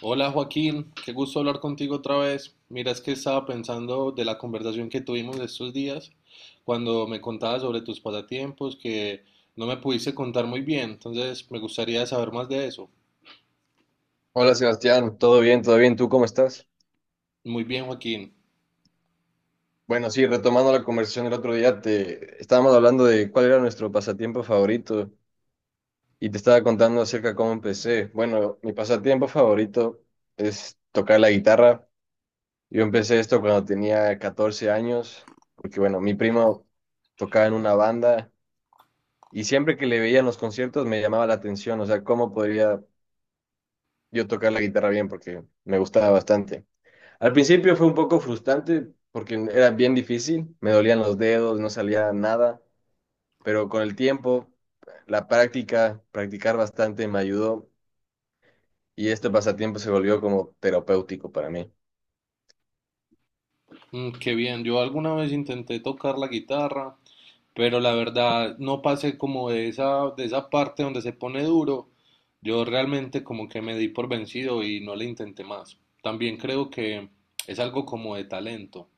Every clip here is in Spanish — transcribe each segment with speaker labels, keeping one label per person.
Speaker 1: Hola Joaquín, qué gusto hablar contigo otra vez. Mira, es que estaba pensando de la conversación que tuvimos estos días cuando me contabas sobre tus pasatiempos que no me pudiste contar muy bien, entonces me gustaría saber más de eso.
Speaker 2: Hola Sebastián, todo bien, ¿tú cómo estás?
Speaker 1: Muy bien Joaquín.
Speaker 2: Bueno, sí, retomando la conversación del otro día, te estábamos hablando de cuál era nuestro pasatiempo favorito y te estaba contando acerca de cómo empecé. Bueno, mi pasatiempo favorito es tocar la guitarra. Yo empecé esto cuando tenía 14 años, porque bueno, mi primo tocaba en una banda y siempre que le veía en los conciertos me llamaba la atención, o sea, cómo podría yo tocar la guitarra bien, porque me gustaba bastante. Al principio fue un poco frustrante porque era bien difícil, me dolían los dedos, no salía nada, pero con el tiempo, la práctica, practicar bastante me ayudó y este pasatiempo se volvió como terapéutico para mí.
Speaker 1: Qué bien. Yo alguna vez intenté tocar la guitarra, pero la verdad no pasé como de esa parte donde se pone duro. Yo realmente como que me di por vencido y no le intenté más. También creo que es algo como de talento.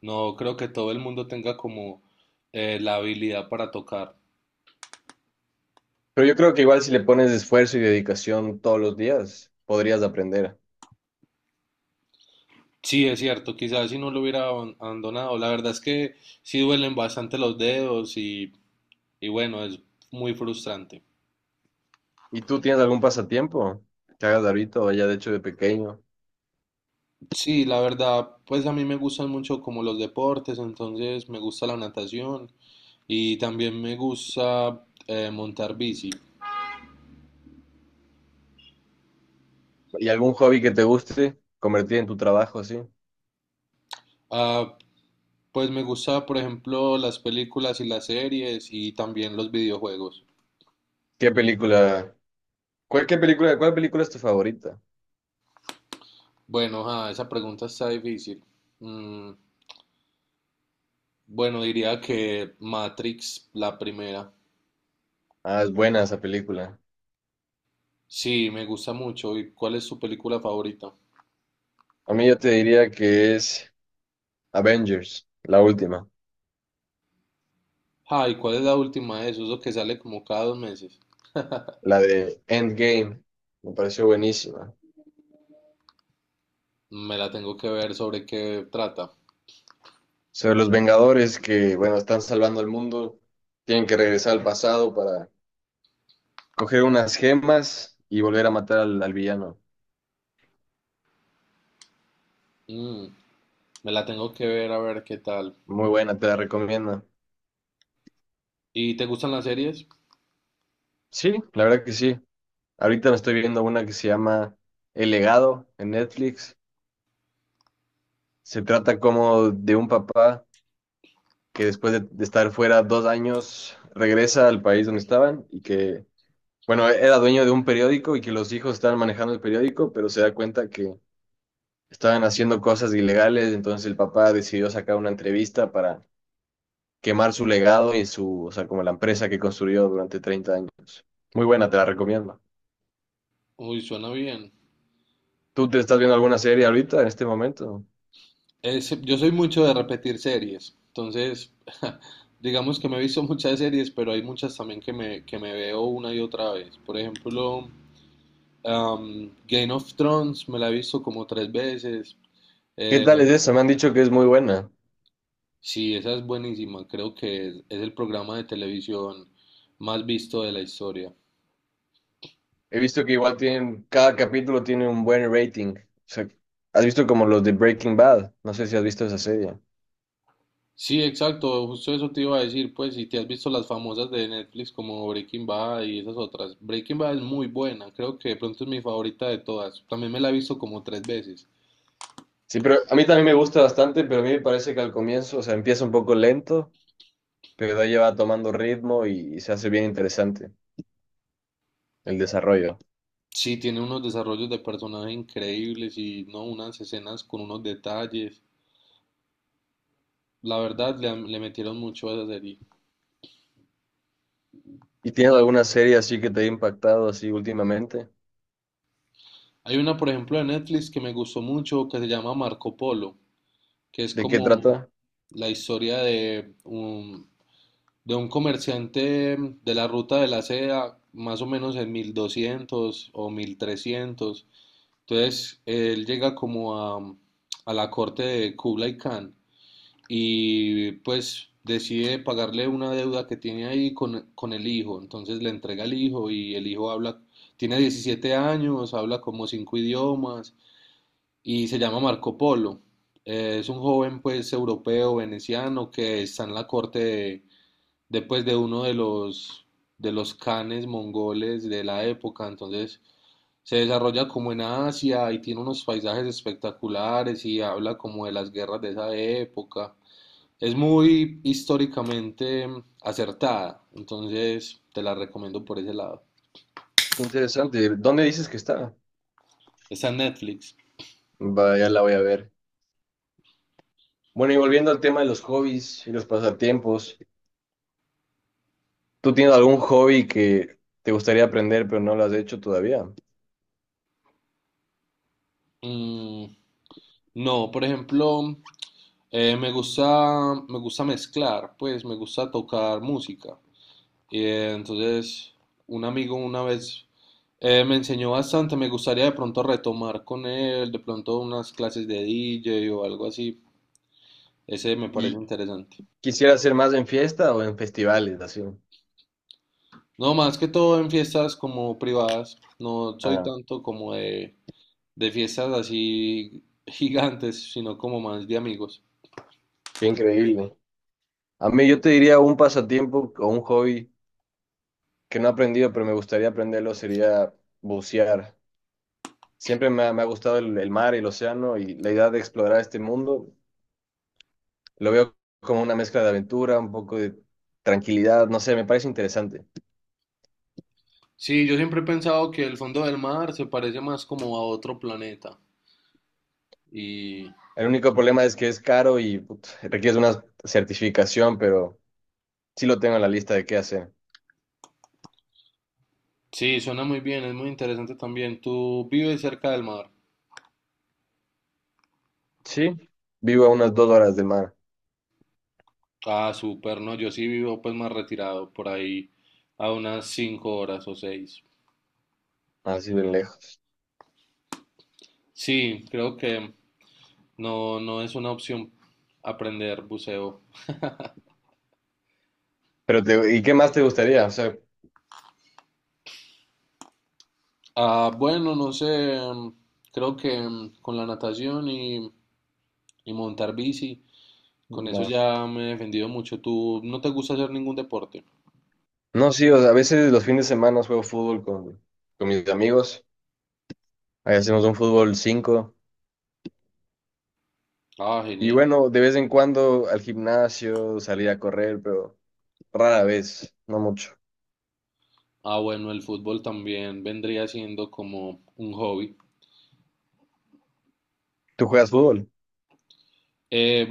Speaker 1: No creo que todo el mundo tenga como la habilidad para tocar.
Speaker 2: Pero yo creo que igual si le pones esfuerzo y dedicación todos los días, podrías aprender.
Speaker 1: Sí, es cierto, quizás si no lo hubiera abandonado. La verdad es que sí duelen bastante los dedos y bueno, es muy frustrante.
Speaker 2: ¿Y tú tienes algún pasatiempo que hagas ahorita o ya de hecho de pequeño?
Speaker 1: Sí, la verdad, pues a mí me gustan mucho como los deportes, entonces me gusta la natación y también me gusta montar bici.
Speaker 2: ¿Y algún hobby que te guste convertir en tu trabajo así?
Speaker 1: Ah, pues me gusta, por ejemplo, las películas y las series y también los videojuegos.
Speaker 2: ¿Qué película? ¿Cuál, qué película, cuál película es tu favorita?
Speaker 1: Bueno, ah, esa pregunta está difícil. Mm, bueno, diría que Matrix, la primera.
Speaker 2: Ah, es buena esa película.
Speaker 1: Sí, me gusta mucho. ¿Y cuál es su película favorita?
Speaker 2: A mí yo te diría que es Avengers, la última,
Speaker 1: Ah, ¿y cuál es la última de esos? Eso que sale como cada 2 meses.
Speaker 2: la de Endgame. Me pareció buenísima.
Speaker 1: Me la tengo que ver sobre qué trata.
Speaker 2: Sobre los Vengadores que, bueno, están salvando al mundo, tienen que regresar al pasado para coger unas gemas y volver a matar al villano.
Speaker 1: Mm, Me la tengo que ver a ver qué tal.
Speaker 2: Muy buena, te la recomiendo.
Speaker 1: ¿Y te gustan las series?
Speaker 2: Sí, la verdad que sí. Ahorita me estoy viendo una que se llama El Legado en Netflix. Se trata como de un papá que después de estar fuera dos años regresa al país donde estaban y que bueno, era dueño de un periódico y que los hijos estaban manejando el periódico, pero se da cuenta que estaban haciendo cosas ilegales, entonces el papá decidió sacar una entrevista para quemar su legado y su, o sea, como la empresa que construyó durante 30 años. Muy buena, te la recomiendo.
Speaker 1: Uy, suena bien.
Speaker 2: ¿Tú te estás viendo alguna serie ahorita en este momento?
Speaker 1: Yo soy mucho de repetir series. Entonces, digamos que me he visto muchas series, pero hay muchas también que me veo una y otra vez. Por ejemplo, Game of Thrones me la he visto como tres veces.
Speaker 2: ¿Qué
Speaker 1: Eh,
Speaker 2: tal es esa? Me han dicho que es muy buena.
Speaker 1: sí, esa es buenísima. Creo que es el programa de televisión más visto de la historia.
Speaker 2: He visto que igual tienen, cada capítulo tiene un buen rating. O sea, has visto como los de Breaking Bad. No sé si has visto esa serie.
Speaker 1: Sí, exacto. Justo eso te iba a decir. Pues si te has visto las famosas de Netflix como Breaking Bad y esas otras. Breaking Bad es muy buena. Creo que de pronto es mi favorita de todas. También me la he visto como tres veces.
Speaker 2: Sí, pero a mí también me gusta bastante, pero a mí me parece que al comienzo, o sea, empieza un poco lento, pero de ahí ya va tomando ritmo y se hace bien interesante el desarrollo.
Speaker 1: Sí, tiene unos desarrollos de personajes increíbles y no unas escenas con unos detalles. La verdad, le metieron mucho a esa serie.
Speaker 2: ¿Y tienes alguna serie así que te haya impactado así últimamente?
Speaker 1: Hay una, por ejemplo, de Netflix que me gustó mucho que se llama Marco Polo, que es
Speaker 2: ¿De qué
Speaker 1: como
Speaker 2: trata?
Speaker 1: la historia de un comerciante de la ruta de la seda, más o menos en 1200 o 1300. Entonces, él llega como a la corte de Kublai Khan y pues decide pagarle una deuda que tiene ahí con el hijo. Entonces le entrega al hijo y el hijo habla, tiene 17 años, habla como cinco idiomas y se llama Marco Polo. Es un joven pues europeo, veneciano, que está en la corte de uno de los canes mongoles de la época. Entonces se desarrolla como en Asia y tiene unos paisajes espectaculares y habla como de las guerras de esa época. Es muy históricamente acertada, entonces te la recomiendo por ese lado.
Speaker 2: Interesante. ¿Dónde dices que está?
Speaker 1: Está en Netflix.
Speaker 2: Vaya, la voy a ver. Bueno, y volviendo al tema de los hobbies y los pasatiempos, ¿tú tienes algún hobby que te gustaría aprender pero no lo has hecho todavía?
Speaker 1: Mm, no, por ejemplo, Eh, me gusta, me gusta, mezclar, pues me gusta tocar música. Y entonces un amigo una vez me enseñó bastante, me gustaría de pronto retomar con él, de pronto unas clases de DJ o algo así. Ese me parece
Speaker 2: ¿Y
Speaker 1: interesante.
Speaker 2: quisieras hacer más en fiesta o en festivales, así?
Speaker 1: No, más que todo en fiestas como privadas, no soy
Speaker 2: Ah,
Speaker 1: tanto como de fiestas así gigantes, sino como más de amigos.
Speaker 2: qué increíble. A mí yo te diría un pasatiempo o un hobby que no he aprendido, pero me gustaría aprenderlo, sería bucear. Siempre me ha gustado el mar y el océano y la idea de explorar este mundo. Lo veo como una mezcla de aventura, un poco de tranquilidad, no sé, me parece interesante.
Speaker 1: Sí, yo siempre he pensado que el fondo del mar se parece más como a otro planeta. Y
Speaker 2: El único problema es que es caro y put, requiere una certificación, pero sí lo tengo en la lista de qué hacer.
Speaker 1: Sí, suena muy bien, es muy interesante también. ¿Tú vives cerca del mar?
Speaker 2: Sí, vivo a unas 2 horas de mar,
Speaker 1: Ah, súper, no, yo sí vivo pues más retirado, por ahí a unas 5 horas o 6.
Speaker 2: así de lejos.
Speaker 1: Sí, creo que no, no es una opción aprender buceo.
Speaker 2: Pero te- ¿y qué más te gustaría? O sea,
Speaker 1: Ah, bueno, no sé, creo que con la natación y montar bici, con eso
Speaker 2: no.
Speaker 1: ya me he defendido mucho. ¿Tú no te gusta hacer ningún deporte?
Speaker 2: No, sí, o sea, a veces los fines de semana juego fútbol con mis amigos. Ahí hacemos un fútbol cinco.
Speaker 1: Ah,
Speaker 2: Y
Speaker 1: genial.
Speaker 2: bueno, de vez en cuando al gimnasio, salir a correr, pero rara vez, no mucho.
Speaker 1: Ah, bueno, el fútbol también vendría siendo como un hobby.
Speaker 2: ¿Tú juegas fútbol?
Speaker 1: Eh,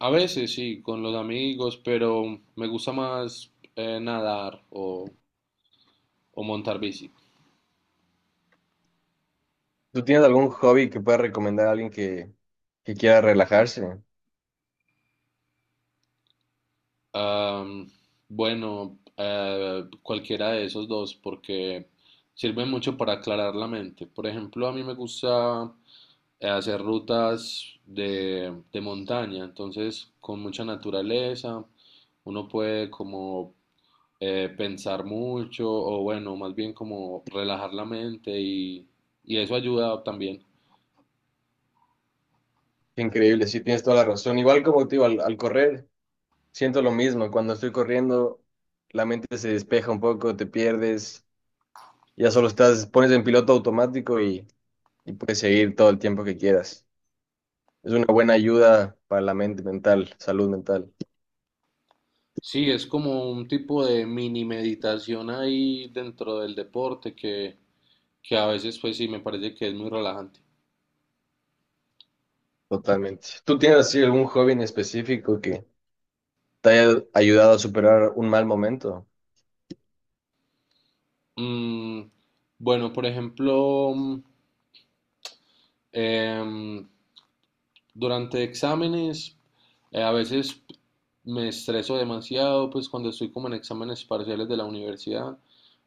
Speaker 1: a veces sí, con los amigos, pero me gusta más nadar o montar bici.
Speaker 2: ¿Tú tienes algún hobby que puedas recomendar a alguien que quiera relajarse?
Speaker 1: Am, bueno, cualquiera de esos dos, porque sirven mucho para aclarar la mente. Por ejemplo, a mí me gusta hacer rutas de montaña, entonces con mucha naturaleza, uno puede como pensar mucho o bueno, más bien como relajar la mente y eso ayuda también.
Speaker 2: Qué increíble, sí, tienes toda la razón. Igual como te digo, al, al correr, siento lo mismo. Cuando estoy corriendo, la mente se despeja un poco, te pierdes, ya solo estás, pones en piloto automático y puedes seguir todo el tiempo que quieras. Es una buena ayuda para la mente mental, salud mental,
Speaker 1: Sí, es como un tipo de mini meditación ahí dentro del deporte que a veces pues sí me parece que es muy relajante.
Speaker 2: totalmente. ¿Tú tienes así algún hobby en específico que te haya ayudado a superar un mal momento?
Speaker 1: Mm, bueno, por ejemplo, em, durante exámenes, a veces me estreso demasiado, pues cuando estoy como en exámenes parciales de la universidad.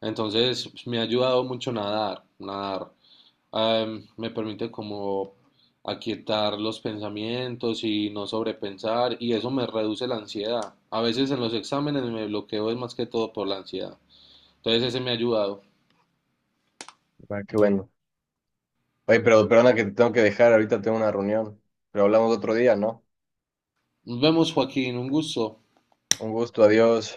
Speaker 1: Entonces, pues, me ha ayudado mucho nadar, nadar. Me permite como aquietar los pensamientos y no sobrepensar y eso me reduce la ansiedad. A veces en los exámenes me bloqueo es más que todo por la ansiedad. Entonces, ese me ha ayudado.
Speaker 2: Ah, qué bueno. Oye, pero perdona que te tengo que dejar, ahorita tengo una reunión, pero hablamos otro día, ¿no?
Speaker 1: Nos vemos, Joaquín, un gusto.
Speaker 2: Un gusto, adiós.